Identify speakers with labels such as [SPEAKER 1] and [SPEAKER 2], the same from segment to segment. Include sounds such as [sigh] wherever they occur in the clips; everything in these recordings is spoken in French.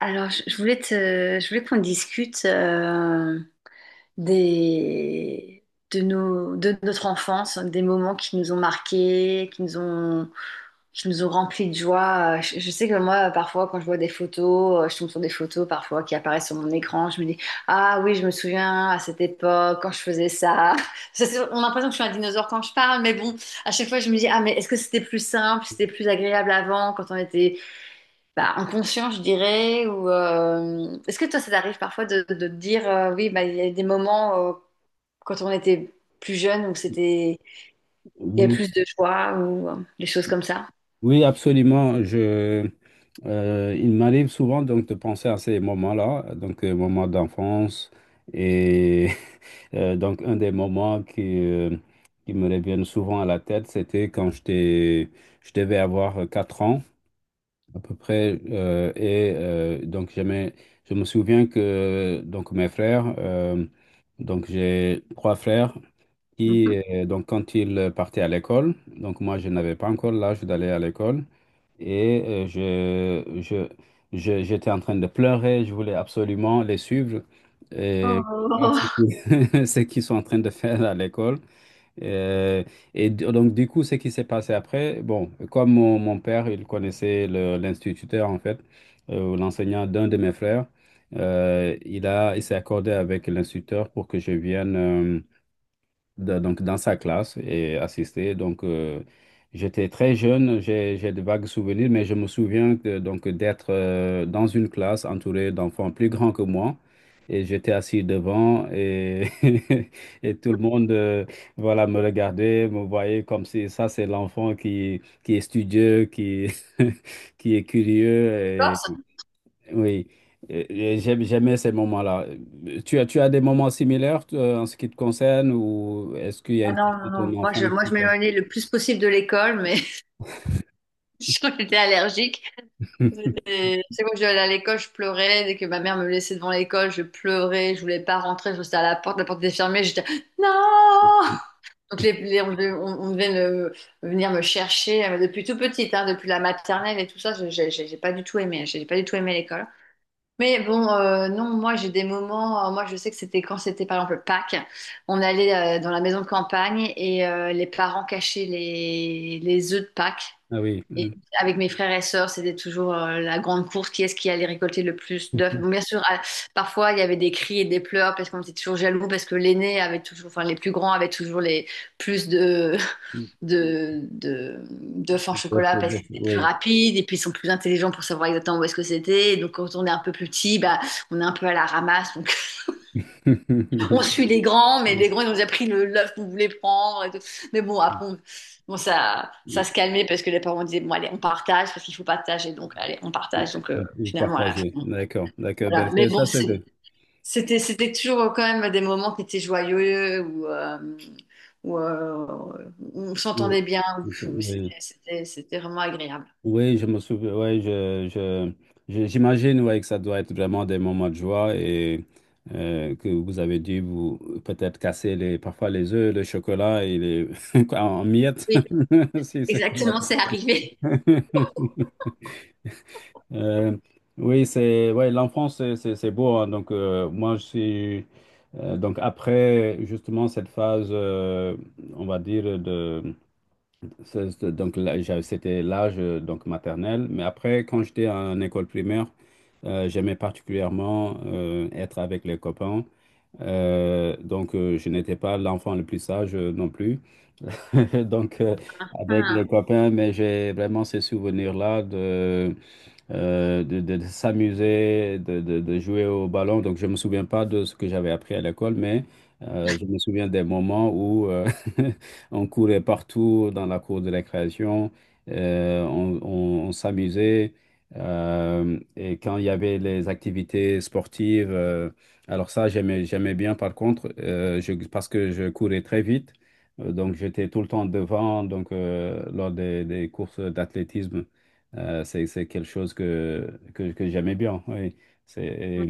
[SPEAKER 1] Alors, je voulais te, je voulais qu'on discute des, de nos, de notre enfance, des moments qui nous ont marqués, qui nous ont remplis de joie. Je sais que moi, parfois, quand je vois des photos, je tombe sur des photos parfois qui apparaissent sur mon écran, je me dis, ah oui, je me souviens à cette époque quand je faisais ça. [laughs] Je sais- on a l'impression que je suis un dinosaure quand je parle, mais bon, à chaque fois, je me dis, ah mais est-ce que c'était plus simple, c'était plus agréable avant quand on était bah, inconscient, je dirais, ou est-ce que toi, ça t'arrive parfois de te dire, oui, bah, il y a des moments quand on était plus jeune où c'était, il y avait
[SPEAKER 2] Oui,
[SPEAKER 1] plus de choix ou des choses comme ça.
[SPEAKER 2] oui, absolument. Il m'arrive souvent donc de penser à ces moments-là, moments d'enfance et [laughs] donc un des moments qui me reviennent souvent à la tête. C'était je devais avoir 4 ans à peu près. Et donc, jamais, Je me souviens que mes donc j'ai trois frères qui,
[SPEAKER 1] Mhm.
[SPEAKER 2] donc Quand ils partaient à l'école, donc moi je n'avais pas encore l'âge d'aller à l'école, et euh, je, je, j'étais en train de pleurer, je voulais absolument les suivre et voir ce
[SPEAKER 1] Oh,
[SPEAKER 2] qu'ils [laughs] ce qu'ils sont en train de faire à l'école. Euh, du coup, ce qui s'est passé après, comme mon père, il connaissait l'instituteur, en fait, l'enseignant d'un de mes il il s'est accordé avec l'instituteur pour que je vienne donc dans sa classe et assister. Donc, j'étais très jeune. J'ai de vagues souvenirs, mais je me souviens d'être dans une classe entourée d'enfants plus grands que moi. Et j'étais assis devant, et, [laughs] et tout le monde voilà, me regardait, me voyait comme si ça, c'est l'enfant qui est studieux, qui, [laughs] qui est
[SPEAKER 1] [laughs]
[SPEAKER 2] curieux.
[SPEAKER 1] Corse.
[SPEAKER 2] Oui. J'aime jamais ces moments-là. Tu as des moments similaires toi, en ce qui te concerne, ou est-ce qu'il y a
[SPEAKER 1] Ah
[SPEAKER 2] une
[SPEAKER 1] non,
[SPEAKER 2] partie
[SPEAKER 1] non,
[SPEAKER 2] de ton
[SPEAKER 1] non.
[SPEAKER 2] enfance
[SPEAKER 1] Moi,
[SPEAKER 2] qui
[SPEAKER 1] je m'éloignais le plus possible de l'école, mais [laughs] j'étais allergique.
[SPEAKER 2] [laughs]
[SPEAKER 1] C'était- c'est quand je devais aller à l'école, je pleurais. Dès que ma mère me laissait devant l'école, je pleurais. Je voulais pas rentrer, je restais à la porte. La porte était fermée. J'étais non! Donc les- on devait me- venir me chercher depuis tout petite, hein, depuis la maternelle et tout ça. J'ai pas du tout aimé, j'ai pas du tout aimé l'école. Mais bon, non, moi j'ai des moments. Moi je sais que c'était quand c'était par exemple Pâques, on allait dans la maison de campagne et les parents cachaient les œufs de Pâques
[SPEAKER 2] Ah oui.
[SPEAKER 1] et
[SPEAKER 2] Mm.
[SPEAKER 1] avec mes frères et sœurs, c'était toujours la grande course, qui est-ce qui allait récolter le plus d'œufs. Bon, bien
[SPEAKER 2] [laughs]
[SPEAKER 1] sûr, à- parfois il y avait des cris et des pleurs parce qu'on était toujours jaloux parce que l'aîné avait toujours, enfin les plus grands avaient toujours les plus de [laughs] de d'œufs en chocolat
[SPEAKER 2] Tout
[SPEAKER 1] parce
[SPEAKER 2] à fait,
[SPEAKER 1] qu'ils étaient plus
[SPEAKER 2] oui.
[SPEAKER 1] rapides et puis ils sont plus intelligents pour savoir exactement où est-ce que c'était. Et donc quand on est un peu plus petit, bah on est un peu à la ramasse, on suit
[SPEAKER 2] [laughs]
[SPEAKER 1] les grands, mais les grands, ils ont déjà pris le l'œuf qu'on voulait prendre et tout. Mais bon, après, on- bon, ça se calmait parce que les parents disaient, bon, allez, on partage parce qu'il faut partager. Donc, allez, on partage. Donc,
[SPEAKER 2] Vous
[SPEAKER 1] finalement, à la fin,
[SPEAKER 2] partagez.
[SPEAKER 1] bon,
[SPEAKER 2] D'accord, d'accord.
[SPEAKER 1] voilà. Mais bon,
[SPEAKER 2] Ça, c'est...
[SPEAKER 1] c'est- c'était, c'était toujours quand même des moments qui étaient joyeux où, où, on
[SPEAKER 2] Oui.
[SPEAKER 1] s'entendait bien. où où
[SPEAKER 2] Oui.
[SPEAKER 1] c'était, c'était- c'était vraiment agréable.
[SPEAKER 2] Oui, je me souviens, ouais, j'imagine ouais, que ça doit être vraiment des moments de joie, et que vous avez dû vous peut-être casser les, parfois les œufs, le chocolat, et les [laughs] quoi, en miettes,
[SPEAKER 1] Oui,
[SPEAKER 2] [laughs] si c'est la
[SPEAKER 1] exactement, c'est
[SPEAKER 2] consigne.
[SPEAKER 1] arrivé.
[SPEAKER 2] [laughs] Euh, oui, c'est ouais, l'enfance, c'est beau, hein. donc, moi, je suis. Donc, Après justement cette phase, on va dire, de, c'est- Donc, là, c'était l'âge maternel. Mais après, quand j'étais en école primaire, j'aimais particulièrement être avec les copains. Je n'étais pas l'enfant le plus sage non plus. [laughs] Donc, euh, Avec les
[SPEAKER 1] [laughs]
[SPEAKER 2] copains, mais j'ai vraiment ce souvenir-là de s'amuser, de jouer au ballon. Donc, je ne me souviens pas de ce que j'avais appris à l'école, mais je me souviens des moments où [laughs] on courait partout dans la cour de récréation, on s'amusait. Et quand il y avait les activités sportives, alors ça, j'aimais bien par contre, parce que je courais très vite. Donc, j'étais tout le temps devant, donc, lors des courses d'athlétisme. C'est quelque chose que j'aimais bien. Oui. C'est,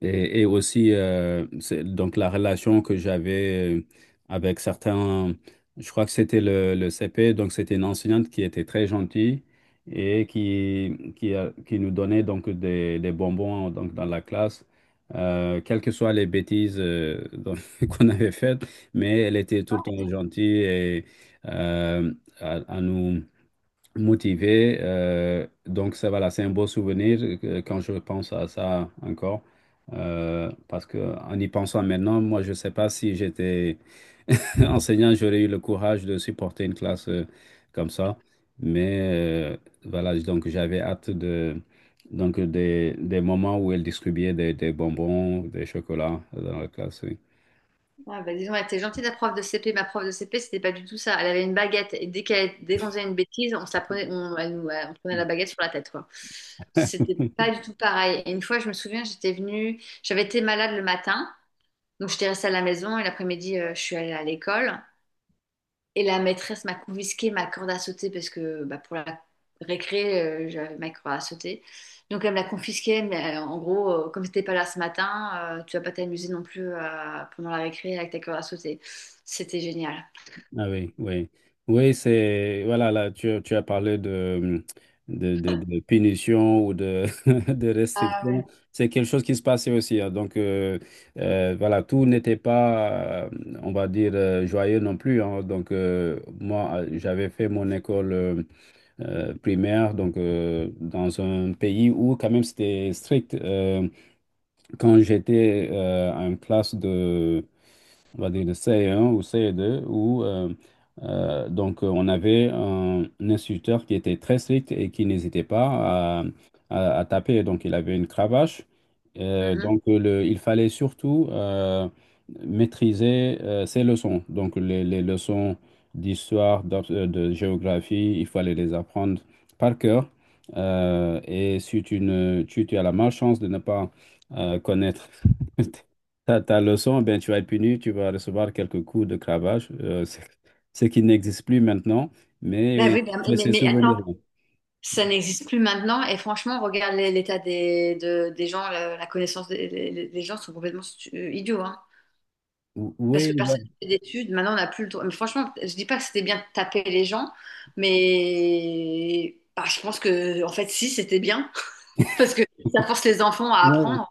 [SPEAKER 2] et aussi, donc, la relation que j'avais avec certains, je crois que c'était le CP. Donc c'était une enseignante qui était très gentille et qui nous donnait donc des bonbons donc, dans la classe. Quelles que soient les bêtises [laughs] qu'on avait faites, mais elle était tout le temps gentille et euh, à nous motivé. Ça, voilà, c'est un beau souvenir quand je pense à ça encore. Parce que en y pensant maintenant, moi, je ne sais pas si j'étais [laughs] enseignant, j'aurais eu le courage de supporter une classe comme ça. Mais euh, voilà, donc j'avais hâte de donc des moments où elle distribuait des bonbons, des chocolats dans la classe. Oui.
[SPEAKER 1] Ah bah disons donc, elle était gentille la prof de CP. Ma prof de CP, c'était pas du tout ça. Elle avait une baguette et dès qu'elle, dès qu'on faisait une bêtise, on se la prenait, on, elle nous, on prenait la baguette sur la tête, quoi. C'était pas du tout pareil. Et une fois, je me souviens, j'étais venue, j'avais été malade le matin, donc j'étais restée à la maison et l'après-midi, je suis allée à l'école. Et la maîtresse m'a confisqué ma corde à sauter parce que bah, pour la récré, j'avais ma corde à sauter. Donc elle me l'a confisquée, mais en gros, comme t'étais pas là ce matin, tu vas pas t'amuser non plus pendant la récré avec ta corde à sauter. C'était génial.
[SPEAKER 2] Ah oui, oui. Oui, c'est. Voilà, là, tu as parlé de punition ou de, [laughs] de
[SPEAKER 1] Ah.
[SPEAKER 2] restriction. C'est quelque chose qui se passait aussi, hein. Voilà, tout n'était pas, on va dire, joyeux non plus, hein. J'avais fait mon école primaire donc, dans un pays où, quand même, c'était strict. Quand j'étais en classe de on va dire de c 1 ou c 2 où on avait un instructeur qui était très strict et qui n'hésitait pas à taper. Donc il avait une cravache.
[SPEAKER 1] Mhm.
[SPEAKER 2] Il fallait surtout maîtriser ses leçons. Donc les leçons d'histoire, de géographie, il fallait les apprendre par cœur. Et si tu, ne, tu as la malchance de ne pas connaître [laughs] ta, ta leçon, ben, tu vas être puni, tu vas recevoir quelques coups de cravache, [laughs] ce qui n'existe plus maintenant,
[SPEAKER 1] Bah
[SPEAKER 2] mais
[SPEAKER 1] oui, bah,
[SPEAKER 2] j'ai ces
[SPEAKER 1] mais attends,
[SPEAKER 2] souvenirs.
[SPEAKER 1] ça n'existe plus maintenant. Et franchement, regarde l'é- l'état des, de- des gens, la connaissance des gens sont complètement stu- idiots. Parce
[SPEAKER 2] Oui,
[SPEAKER 1] que personne
[SPEAKER 2] bah,
[SPEAKER 1] ne fait d'études. Maintenant, on n'a plus le droit. Mais franchement, je dis pas que c'était bien de taper les gens, mais bah, je pense que, en fait, si, c'était bien. [laughs] Parce que ça force les enfants à
[SPEAKER 2] oui,
[SPEAKER 1] apprendre.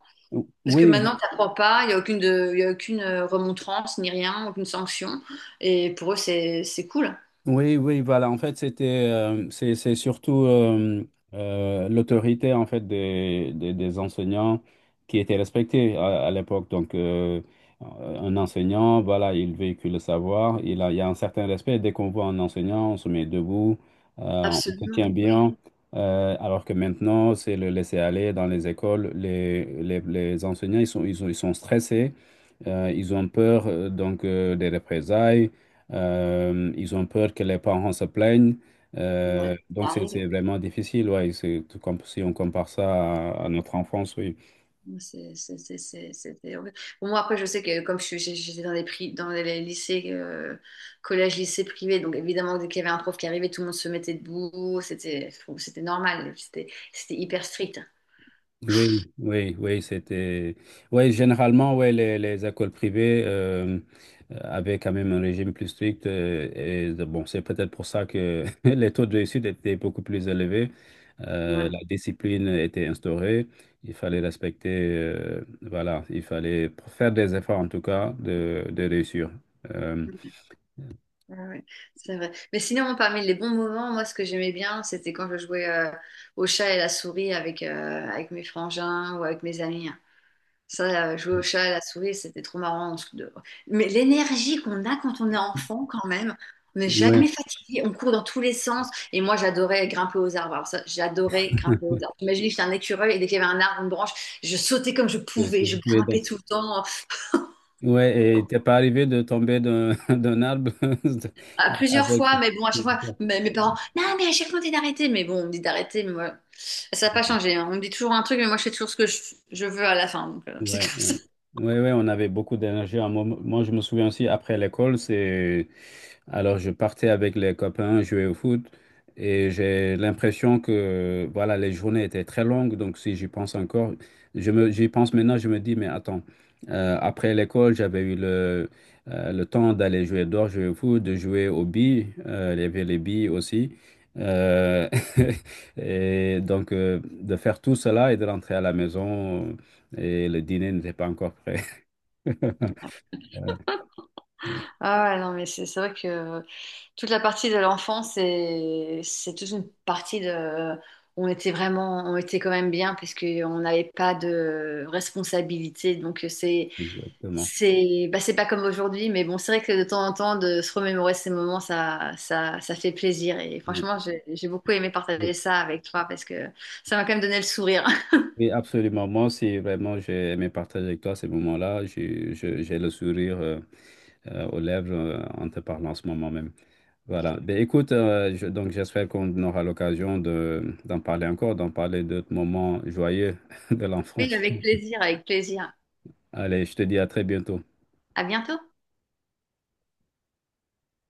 [SPEAKER 1] Parce que
[SPEAKER 2] oui.
[SPEAKER 1] maintenant, tu n'apprends pas, il n'y a aucune, de- il y a aucune remontrance, ni rien, aucune sanction. Et pour eux, c'est cool.
[SPEAKER 2] Oui, oui, voilà. En fait, c'était, C'est surtout l'autorité en fait des enseignants qui était respectée à l'époque. Donc, un enseignant, voilà, il véhicule le savoir. Il y a un certain respect. Dès qu'on voit un enseignant, on se met debout, euh, on se
[SPEAKER 1] Absolument.
[SPEAKER 2] tient
[SPEAKER 1] Ouais.
[SPEAKER 2] bien. Alors que maintenant, c'est le laisser aller dans les écoles. Les enseignants, ils sont stressés. Ils ont peur des représailles. Ils ont peur que les parents se plaignent.
[SPEAKER 1] Ouais,
[SPEAKER 2] Donc
[SPEAKER 1] ça
[SPEAKER 2] c'est
[SPEAKER 1] arrive.
[SPEAKER 2] c'est vraiment difficile, ouais. C'est tout comme si on compare ça à notre enfance, oui.
[SPEAKER 1] Ouais, c'était horrible. Bon, moi, après, je sais que comme je suis- j'étais dans les prix, dans les lycées, collège, lycée privé, donc évidemment, dès qu'il y avait un prof qui arrivait, tout le monde se mettait debout. C'était, bon, c'était normal. C'était, c'était hyper strict.
[SPEAKER 2] Oui, c'était. Oui, généralement, ouais, les écoles privées avaient quand même un régime plus strict, c'est peut-être pour ça que [laughs] les taux de réussite étaient beaucoup plus élevés.
[SPEAKER 1] Ouais,
[SPEAKER 2] La discipline était instaurée. Il fallait respecter, voilà, il fallait faire des efforts, en tout cas, de réussir. Euh,
[SPEAKER 1] ouais, ouais, c'est vrai. Mais sinon, parmi les bons moments, moi, ce que j'aimais bien, c'était quand je jouais au chat et la souris avec, avec mes frangins ou avec mes amis. Ça, jouer au chat, à la souris, c'était trop marrant. On se- de- mais l'énergie qu'on a quand on est enfant, quand même, on n'est
[SPEAKER 2] ouais.
[SPEAKER 1] jamais fatigué, on court dans tous les sens. Et moi, j'adorais grimper aux arbres. Alors ça, j'adorais grimper aux
[SPEAKER 2] [laughs]
[SPEAKER 1] arbres. Imaginez, j'étais un écureuil et dès qu'il y avait un arbre, une branche, je sautais comme je
[SPEAKER 2] C'est-
[SPEAKER 1] pouvais,
[SPEAKER 2] c'est
[SPEAKER 1] je
[SPEAKER 2] ce dans-
[SPEAKER 1] grimpais tout le temps,
[SPEAKER 2] Ouais, et t'es pas arrivé de tomber d'un [laughs] d'un arbre
[SPEAKER 1] à
[SPEAKER 2] [laughs]
[SPEAKER 1] plusieurs
[SPEAKER 2] avec.
[SPEAKER 1] fois. Mais bon, à chaque fois, mes, mes parents, non, mais à chaque fois, on dit d'arrêter. Mais bon, on me dit d'arrêter, mais moi, ça n'a pas changé. Hein. On me dit toujours un truc, mais moi, je fais toujours ce que je veux à la fin. Donc, [laughs] c'est comme
[SPEAKER 2] Ouais, ouais.
[SPEAKER 1] ça.
[SPEAKER 2] Ouais, ouais, on avait beaucoup d'énergie. Moi, je me souviens aussi, après l'école, c'est... Alors, je partais avec les copains jouer au foot, et j'ai l'impression que, voilà, les journées étaient très longues. Donc, si j'y pense encore, j'y pense maintenant, je me dis, mais attends, après l'école, j'avais eu le temps d'aller jouer dehors, jouer au foot, de jouer aux billes. Il y avait les billes aussi. Euh, [laughs] Et donc, de faire tout cela et de rentrer à la maison, et le dîner n'était pas encore prêt. [laughs] Euh,
[SPEAKER 1] Ah ouais, non, mais c'est vrai que toute la partie de l'enfance, c'est toute une partie de... On était vraiment, on était quand même bien parce qu'on n'avait pas de responsabilité. Donc
[SPEAKER 2] Exactement.
[SPEAKER 1] c'est, bah, c'est pas comme aujourd'hui, mais bon, c'est vrai que de temps en temps, de se remémorer ces moments, ça fait plaisir. Et
[SPEAKER 2] Euh,
[SPEAKER 1] franchement, j'ai beaucoup aimé partager ça avec toi parce que ça m'a quand même donné le sourire. [laughs]
[SPEAKER 2] Oui, absolument. Moi aussi, vraiment, j'ai aimé partager avec toi ces moments-là. J'ai le sourire aux lèvres en te parlant en ce moment même. Voilà. Ben, écoute, donc j'espère qu'on aura l'occasion d'en parler encore, d'en parler d'autres moments joyeux [laughs] de
[SPEAKER 1] Oui,
[SPEAKER 2] l'enfance.
[SPEAKER 1] avec plaisir, avec plaisir.
[SPEAKER 2] Allez, je te dis à très bientôt.
[SPEAKER 1] À bientôt.